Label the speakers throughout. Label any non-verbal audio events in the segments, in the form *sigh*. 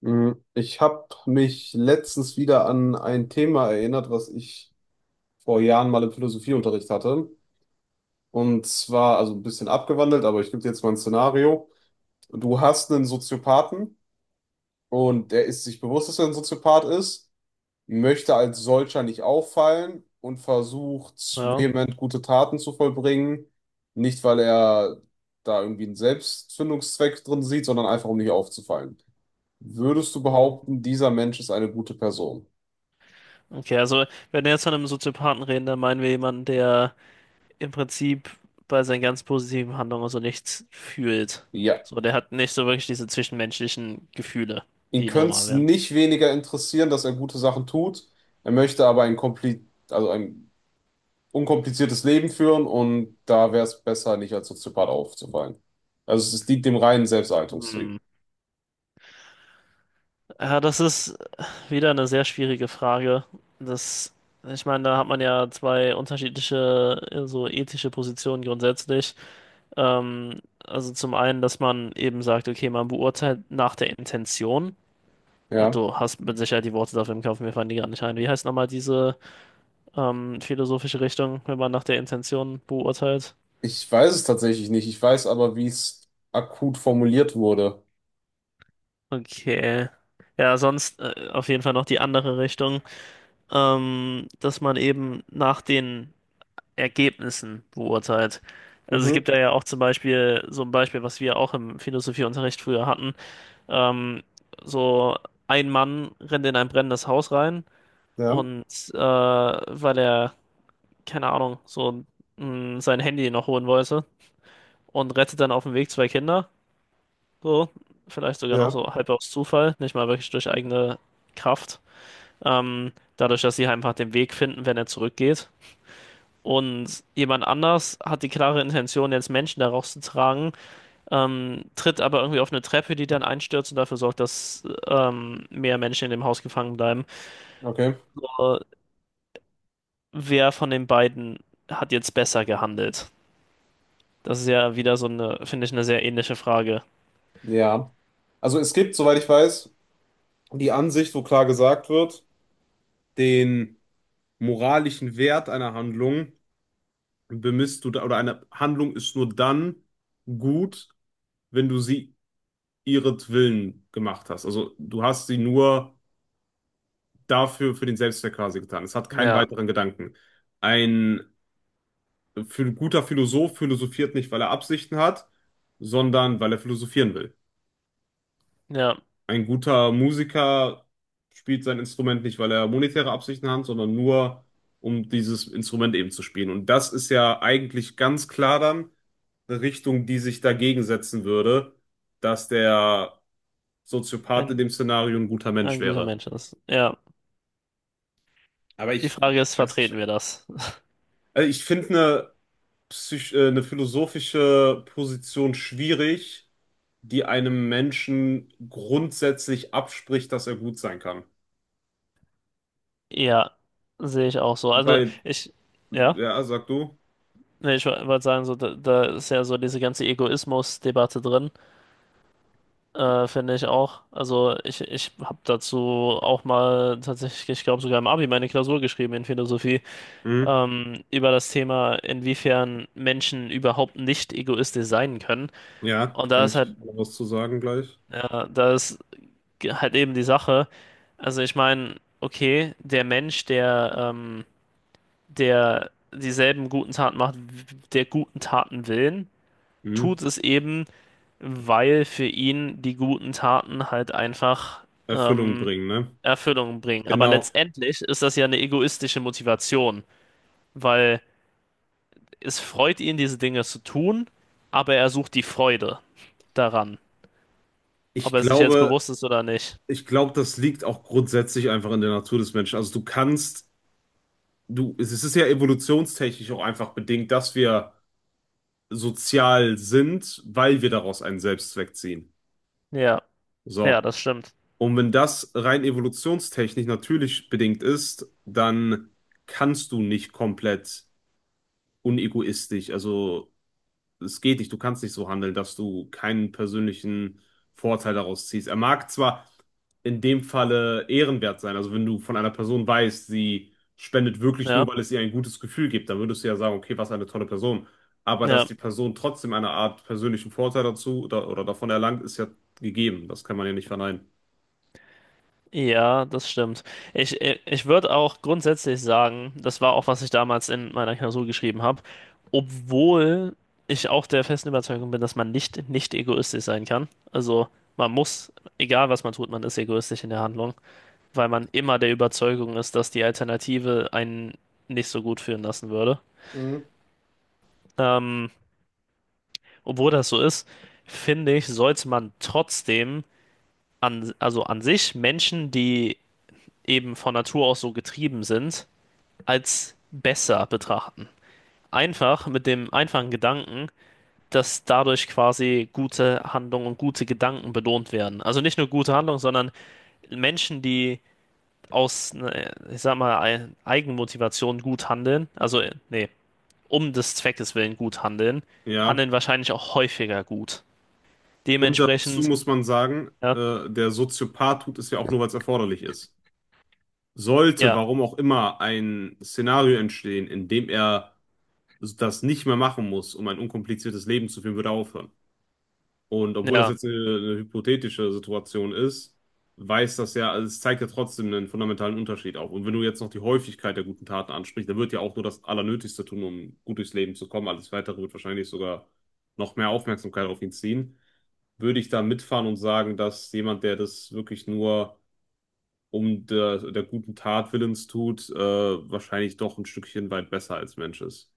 Speaker 1: Ich habe mich letztens wieder an ein Thema erinnert, was ich vor Jahren mal im Philosophieunterricht hatte. Und zwar, also ein bisschen abgewandelt, aber ich gebe dir jetzt mal ein Szenario. Du hast einen Soziopathen und der ist sich bewusst, dass er ein Soziopath ist, möchte als solcher nicht auffallen und versucht
Speaker 2: Ja.
Speaker 1: vehement gute Taten zu vollbringen. Nicht, weil er da irgendwie einen Selbstfindungszweck drin sieht, sondern einfach, um nicht aufzufallen. Würdest du
Speaker 2: ähm,
Speaker 1: behaupten, dieser Mensch ist eine gute Person?
Speaker 2: Okay, also wenn wir jetzt von einem Soziopathen reden, dann meinen wir jemanden, der im Prinzip bei seinen ganz positiven Handlungen so nichts fühlt.
Speaker 1: Ja,
Speaker 2: So, der hat nicht so wirklich diese zwischenmenschlichen Gefühle,
Speaker 1: ihn
Speaker 2: die
Speaker 1: könnte
Speaker 2: normal
Speaker 1: es
Speaker 2: wären.
Speaker 1: nicht weniger interessieren, dass er gute Sachen tut. Er möchte aber ein kompli also ein unkompliziertes Leben führen und da wäre es besser, nicht als Soziopath aufzufallen. Also es dient dem reinen
Speaker 2: Hm.
Speaker 1: Selbsterhaltungstrieb.
Speaker 2: Ja, das ist wieder eine sehr schwierige Frage. Das, ich meine, da hat man ja zwei unterschiedliche so ethische Positionen grundsätzlich. Also zum einen, dass man eben sagt, okay, man beurteilt nach der Intention. Ja,
Speaker 1: Ja,
Speaker 2: du hast mit Sicherheit die Worte dafür im Kopf, mir fallen die gerade nicht ein. Wie heißt nochmal diese philosophische Richtung, wenn man nach der Intention beurteilt?
Speaker 1: ich weiß es tatsächlich nicht. Ich weiß aber, wie es akut formuliert wurde.
Speaker 2: Okay. Ja, sonst auf jeden Fall noch die andere Richtung, dass man eben nach den Ergebnissen beurteilt. Also es
Speaker 1: Mhm,
Speaker 2: gibt da ja auch zum Beispiel so ein Beispiel, was wir auch im Philosophieunterricht früher hatten. Ähm, so ein Mann rennt in ein brennendes Haus rein
Speaker 1: ja,
Speaker 2: und weil er keine Ahnung, so sein Handy noch holen wollte und rettet dann auf dem Weg zwei Kinder. So, vielleicht sogar noch
Speaker 1: ja.
Speaker 2: so halb aus Zufall, nicht mal wirklich durch eigene Kraft. Ähm, Dadurch, dass sie halt einfach den Weg finden, wenn er zurückgeht. Und jemand anders hat die klare Intention, jetzt Menschen da rauszutragen, tritt aber irgendwie auf eine Treppe, die dann einstürzt und dafür sorgt, dass mehr Menschen in dem Haus gefangen bleiben.
Speaker 1: Okay,
Speaker 2: Äh, wer von den beiden hat jetzt besser gehandelt? Das ist ja wieder so eine, finde ich, eine sehr ähnliche Frage.
Speaker 1: ja. Also es gibt, soweit ich weiß, die Ansicht, wo klar gesagt wird, den moralischen Wert einer Handlung bemisst du da, oder eine Handlung ist nur dann gut, wenn du sie ihretwillen gemacht hast. Also du hast sie nur dafür, für den Selbstzweck quasi getan. Es hat keinen
Speaker 2: Ja,
Speaker 1: weiteren Gedanken. Ein guter Philosoph philosophiert nicht, weil er Absichten hat, sondern weil er philosophieren will.
Speaker 2: ja,
Speaker 1: Ein guter Musiker spielt sein Instrument nicht, weil er monetäre Absichten hat, sondern nur, um dieses Instrument eben zu spielen. Und das ist ja eigentlich ganz klar dann eine Richtung, die sich dagegen setzen würde, dass der Soziopath in
Speaker 2: ein,
Speaker 1: dem Szenario ein guter Mensch
Speaker 2: ein guter
Speaker 1: wäre.
Speaker 2: Mensch ist. Ja,
Speaker 1: Aber
Speaker 2: die
Speaker 1: ich
Speaker 2: Frage ist,
Speaker 1: weiß nicht.
Speaker 2: vertreten wir das?
Speaker 1: Also ich finde eine, eine philosophische Position schwierig, die einem Menschen grundsätzlich abspricht, dass er gut sein kann.
Speaker 2: Ja, sehe ich auch so. Also
Speaker 1: Weil.
Speaker 2: ich, ja,
Speaker 1: Ja, sag du.
Speaker 2: nee, ich wollte sagen, so, da ist ja so diese ganze Egoismus-Debatte drin, finde ich auch. Also ich habe dazu auch mal tatsächlich, ich glaube sogar im Abi meine Klausur geschrieben in Philosophie,
Speaker 1: Hm.
Speaker 2: über das Thema, inwiefern Menschen überhaupt nicht egoistisch sein können.
Speaker 1: Ja,
Speaker 2: Und da
Speaker 1: kann
Speaker 2: ist halt,
Speaker 1: ich noch was zu sagen gleich?
Speaker 2: ja, da ist halt eben die Sache. Also ich meine, okay, der Mensch, der dieselben guten Taten macht, der guten Taten willen,
Speaker 1: Hm.
Speaker 2: tut es eben, weil für ihn die guten Taten halt einfach
Speaker 1: Erfüllung
Speaker 2: ähm,
Speaker 1: bringen, ne?
Speaker 2: Erfüllung bringen. Aber
Speaker 1: Genau.
Speaker 2: letztendlich ist das ja eine egoistische Motivation, weil es freut ihn, diese Dinge zu tun, aber er sucht die Freude daran, ob
Speaker 1: Ich
Speaker 2: er sich jetzt
Speaker 1: glaube,
Speaker 2: bewusst ist oder nicht.
Speaker 1: ich glaube, das liegt auch grundsätzlich einfach in der Natur des Menschen. Also es ist ja evolutionstechnisch auch einfach bedingt, dass wir sozial sind, weil wir daraus einen Selbstzweck ziehen.
Speaker 2: Ja, ja,
Speaker 1: So.
Speaker 2: das stimmt.
Speaker 1: Und wenn das rein evolutionstechnisch natürlich bedingt ist, dann kannst du nicht komplett unegoistisch, also es geht nicht, du kannst nicht so handeln, dass du keinen persönlichen Vorteil daraus ziehst. Er mag zwar in dem Falle ehrenwert sein, also wenn du von einer Person weißt, sie spendet wirklich nur,
Speaker 2: Ja,
Speaker 1: weil es ihr ein gutes Gefühl gibt, dann würdest du ja sagen, okay, was eine tolle Person. Aber dass
Speaker 2: ja.
Speaker 1: die Person trotzdem eine Art persönlichen Vorteil dazu oder davon erlangt, ist ja gegeben. Das kann man ja nicht verneinen.
Speaker 2: Ja, das stimmt. Ich würde auch grundsätzlich sagen, das war auch, was ich damals in meiner Klausur geschrieben habe, obwohl ich auch der festen Überzeugung bin, dass man nicht egoistisch sein kann. Also man muss, egal was man tut, man ist egoistisch in der Handlung, weil man immer der Überzeugung ist, dass die Alternative einen nicht so gut fühlen lassen würde.
Speaker 1: Mhm.
Speaker 2: Ähm, Obwohl das so ist, finde ich, sollte man trotzdem also an sich Menschen, die eben von Natur aus so getrieben sind, als besser betrachten. Einfach mit dem einfachen Gedanken, dass dadurch quasi gute Handlungen und gute Gedanken belohnt werden. Also nicht nur gute Handlungen, sondern Menschen, die aus, ne, ich sag mal, Eigenmotivation gut handeln, also nee, um des Zweckes willen gut handeln,
Speaker 1: Ja.
Speaker 2: handeln wahrscheinlich auch häufiger gut.
Speaker 1: Und dazu
Speaker 2: Dementsprechend,
Speaker 1: muss man sagen,
Speaker 2: ja,
Speaker 1: der Soziopath tut es ja auch nur, weil es erforderlich ist. Sollte,
Speaker 2: ja,
Speaker 1: warum auch immer, ein Szenario entstehen, in dem er das nicht mehr machen muss, um ein unkompliziertes Leben zu führen, würde er aufhören. Und obwohl das
Speaker 2: ja.
Speaker 1: jetzt eine hypothetische Situation ist, weiß das ja, also es zeigt ja trotzdem einen fundamentalen Unterschied auf. Und wenn du jetzt noch die Häufigkeit der guten Taten ansprichst, dann wird ja auch nur das Allernötigste tun, um gut durchs Leben zu kommen. Alles Weitere wird wahrscheinlich sogar noch mehr Aufmerksamkeit auf ihn ziehen. Würde ich da mitfahren und sagen, dass jemand, der das wirklich nur um der guten Tat willens tut, wahrscheinlich doch ein Stückchen weit besser als Mensch ist.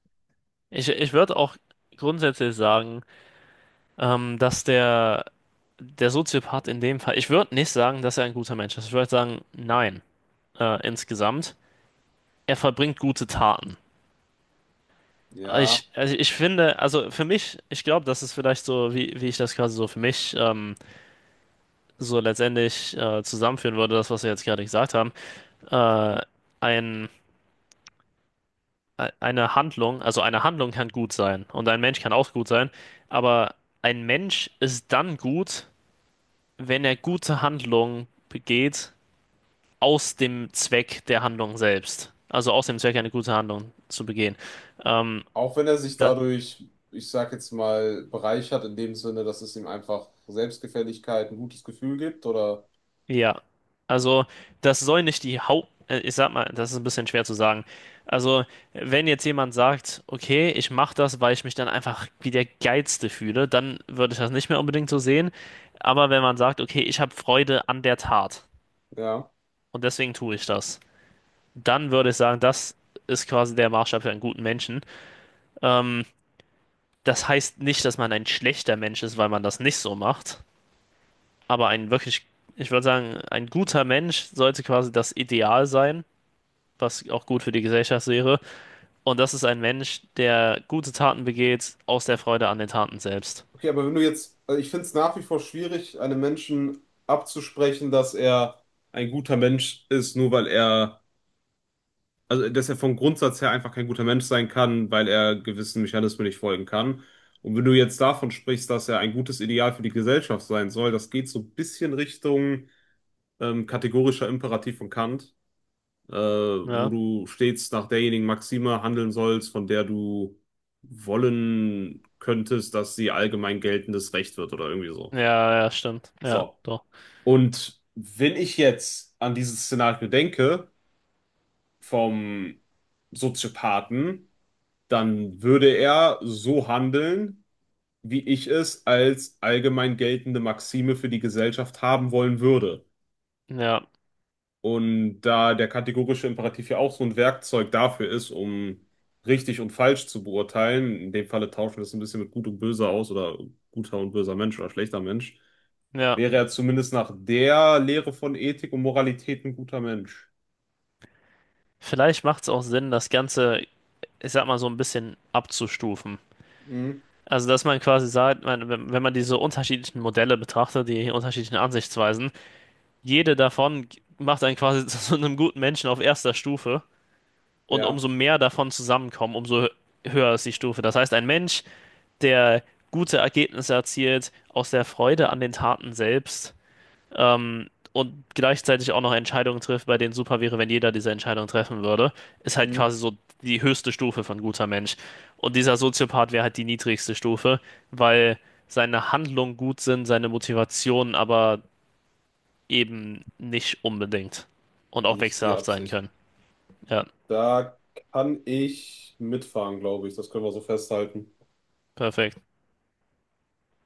Speaker 2: Ich würde auch grundsätzlich sagen, ähm, dass der, der Soziopath in dem Fall, ich würde nicht sagen, dass er ein guter Mensch ist. Ich würde sagen, nein, insgesamt. Er verbringt gute Taten.
Speaker 1: Ja,
Speaker 2: Ich finde, also für mich, ich glaube, das ist vielleicht so, wie ich das quasi so für mich so letztendlich zusammenführen würde, das, was wir jetzt gerade gesagt haben. Äh, ein, eine Handlung, also eine Handlung kann gut sein und ein Mensch kann auch gut sein, aber ein Mensch ist dann gut, wenn er gute Handlungen begeht aus dem Zweck der Handlung selbst. Also aus dem Zweck, eine gute Handlung zu begehen. Ähm,
Speaker 1: auch wenn er sich
Speaker 2: Das,
Speaker 1: dadurch, ich sag jetzt mal, bereichert in dem Sinne, dass es ihm einfach Selbstgefälligkeit, ein gutes Gefühl gibt oder
Speaker 2: ja, also das soll nicht die Haupt... Ich sag mal, das ist ein bisschen schwer zu sagen. Also wenn jetzt jemand sagt, okay, ich mache das, weil ich mich dann einfach wie der Geilste fühle, dann würde ich das nicht mehr unbedingt so sehen. Aber wenn man sagt, okay, ich habe Freude an der Tat
Speaker 1: ja.
Speaker 2: und deswegen tue ich das, dann würde ich sagen, das ist quasi der Maßstab für einen guten Menschen. Ähm, Das heißt nicht, dass man ein schlechter Mensch ist, weil man das nicht so macht. Aber ein wirklich, ich würde sagen, ein guter Mensch sollte quasi das Ideal sein, was auch gut für die Gesellschaft wäre. Und das ist ein Mensch, der gute Taten begeht aus der Freude an den Taten selbst.
Speaker 1: Okay, aber wenn du jetzt, also ich finde es nach wie vor schwierig, einem Menschen abzusprechen, dass er ein guter Mensch ist, nur weil er. Also, dass er vom Grundsatz her einfach kein guter Mensch sein kann, weil er gewissen Mechanismen nicht folgen kann. Und wenn du jetzt davon sprichst, dass er ein gutes Ideal für die Gesellschaft sein soll, das geht so ein bisschen Richtung kategorischer Imperativ von Kant, wo
Speaker 2: Ja,
Speaker 1: du stets nach derjenigen Maxime handeln sollst, von der du wollen könntest, dass sie allgemein geltendes Recht wird oder irgendwie so.
Speaker 2: ja, ja, stimmt. Ja,
Speaker 1: So.
Speaker 2: doch.
Speaker 1: Und wenn ich jetzt an dieses Szenario denke, vom Soziopathen, dann würde er so handeln, wie ich es als allgemein geltende Maxime für die Gesellschaft haben wollen würde.
Speaker 2: Ja,
Speaker 1: Und da der kategorische Imperativ ja auch so ein Werkzeug dafür ist, um richtig und falsch zu beurteilen, in dem Falle tauschen wir es ein bisschen mit gut und böse aus oder guter und böser Mensch oder schlechter Mensch,
Speaker 2: ja.
Speaker 1: wäre er zumindest nach der Lehre von Ethik und Moralität ein guter Mensch.
Speaker 2: Vielleicht macht es auch Sinn, das Ganze, ich sag mal, so ein bisschen abzustufen.
Speaker 1: Mhm.
Speaker 2: Also, dass man quasi sagt, man, wenn man diese unterschiedlichen Modelle betrachtet, die unterschiedlichen Ansichtsweisen, jede davon macht einen quasi *laughs* zu so einem guten Menschen auf erster Stufe. Und
Speaker 1: Ja.
Speaker 2: umso mehr davon zusammenkommen, höher ist die Stufe. Das heißt, ein Mensch, der gute Ergebnisse erzielt, aus der Freude an den Taten selbst, ähm, und gleichzeitig auch noch Entscheidungen trifft, bei denen super wäre, wenn jeder diese Entscheidung treffen würde, ist halt
Speaker 1: Mhm.
Speaker 2: quasi so die höchste Stufe von guter Mensch. Und dieser Soziopath wäre halt die niedrigste Stufe, weil seine Handlungen gut sind, seine Motivationen aber eben nicht unbedingt und auch
Speaker 1: Nicht die
Speaker 2: wechselhaft sein
Speaker 1: Absicht.
Speaker 2: können. Ja,
Speaker 1: Da kann ich mitfahren, glaube ich. Das können wir so festhalten.
Speaker 2: perfekt.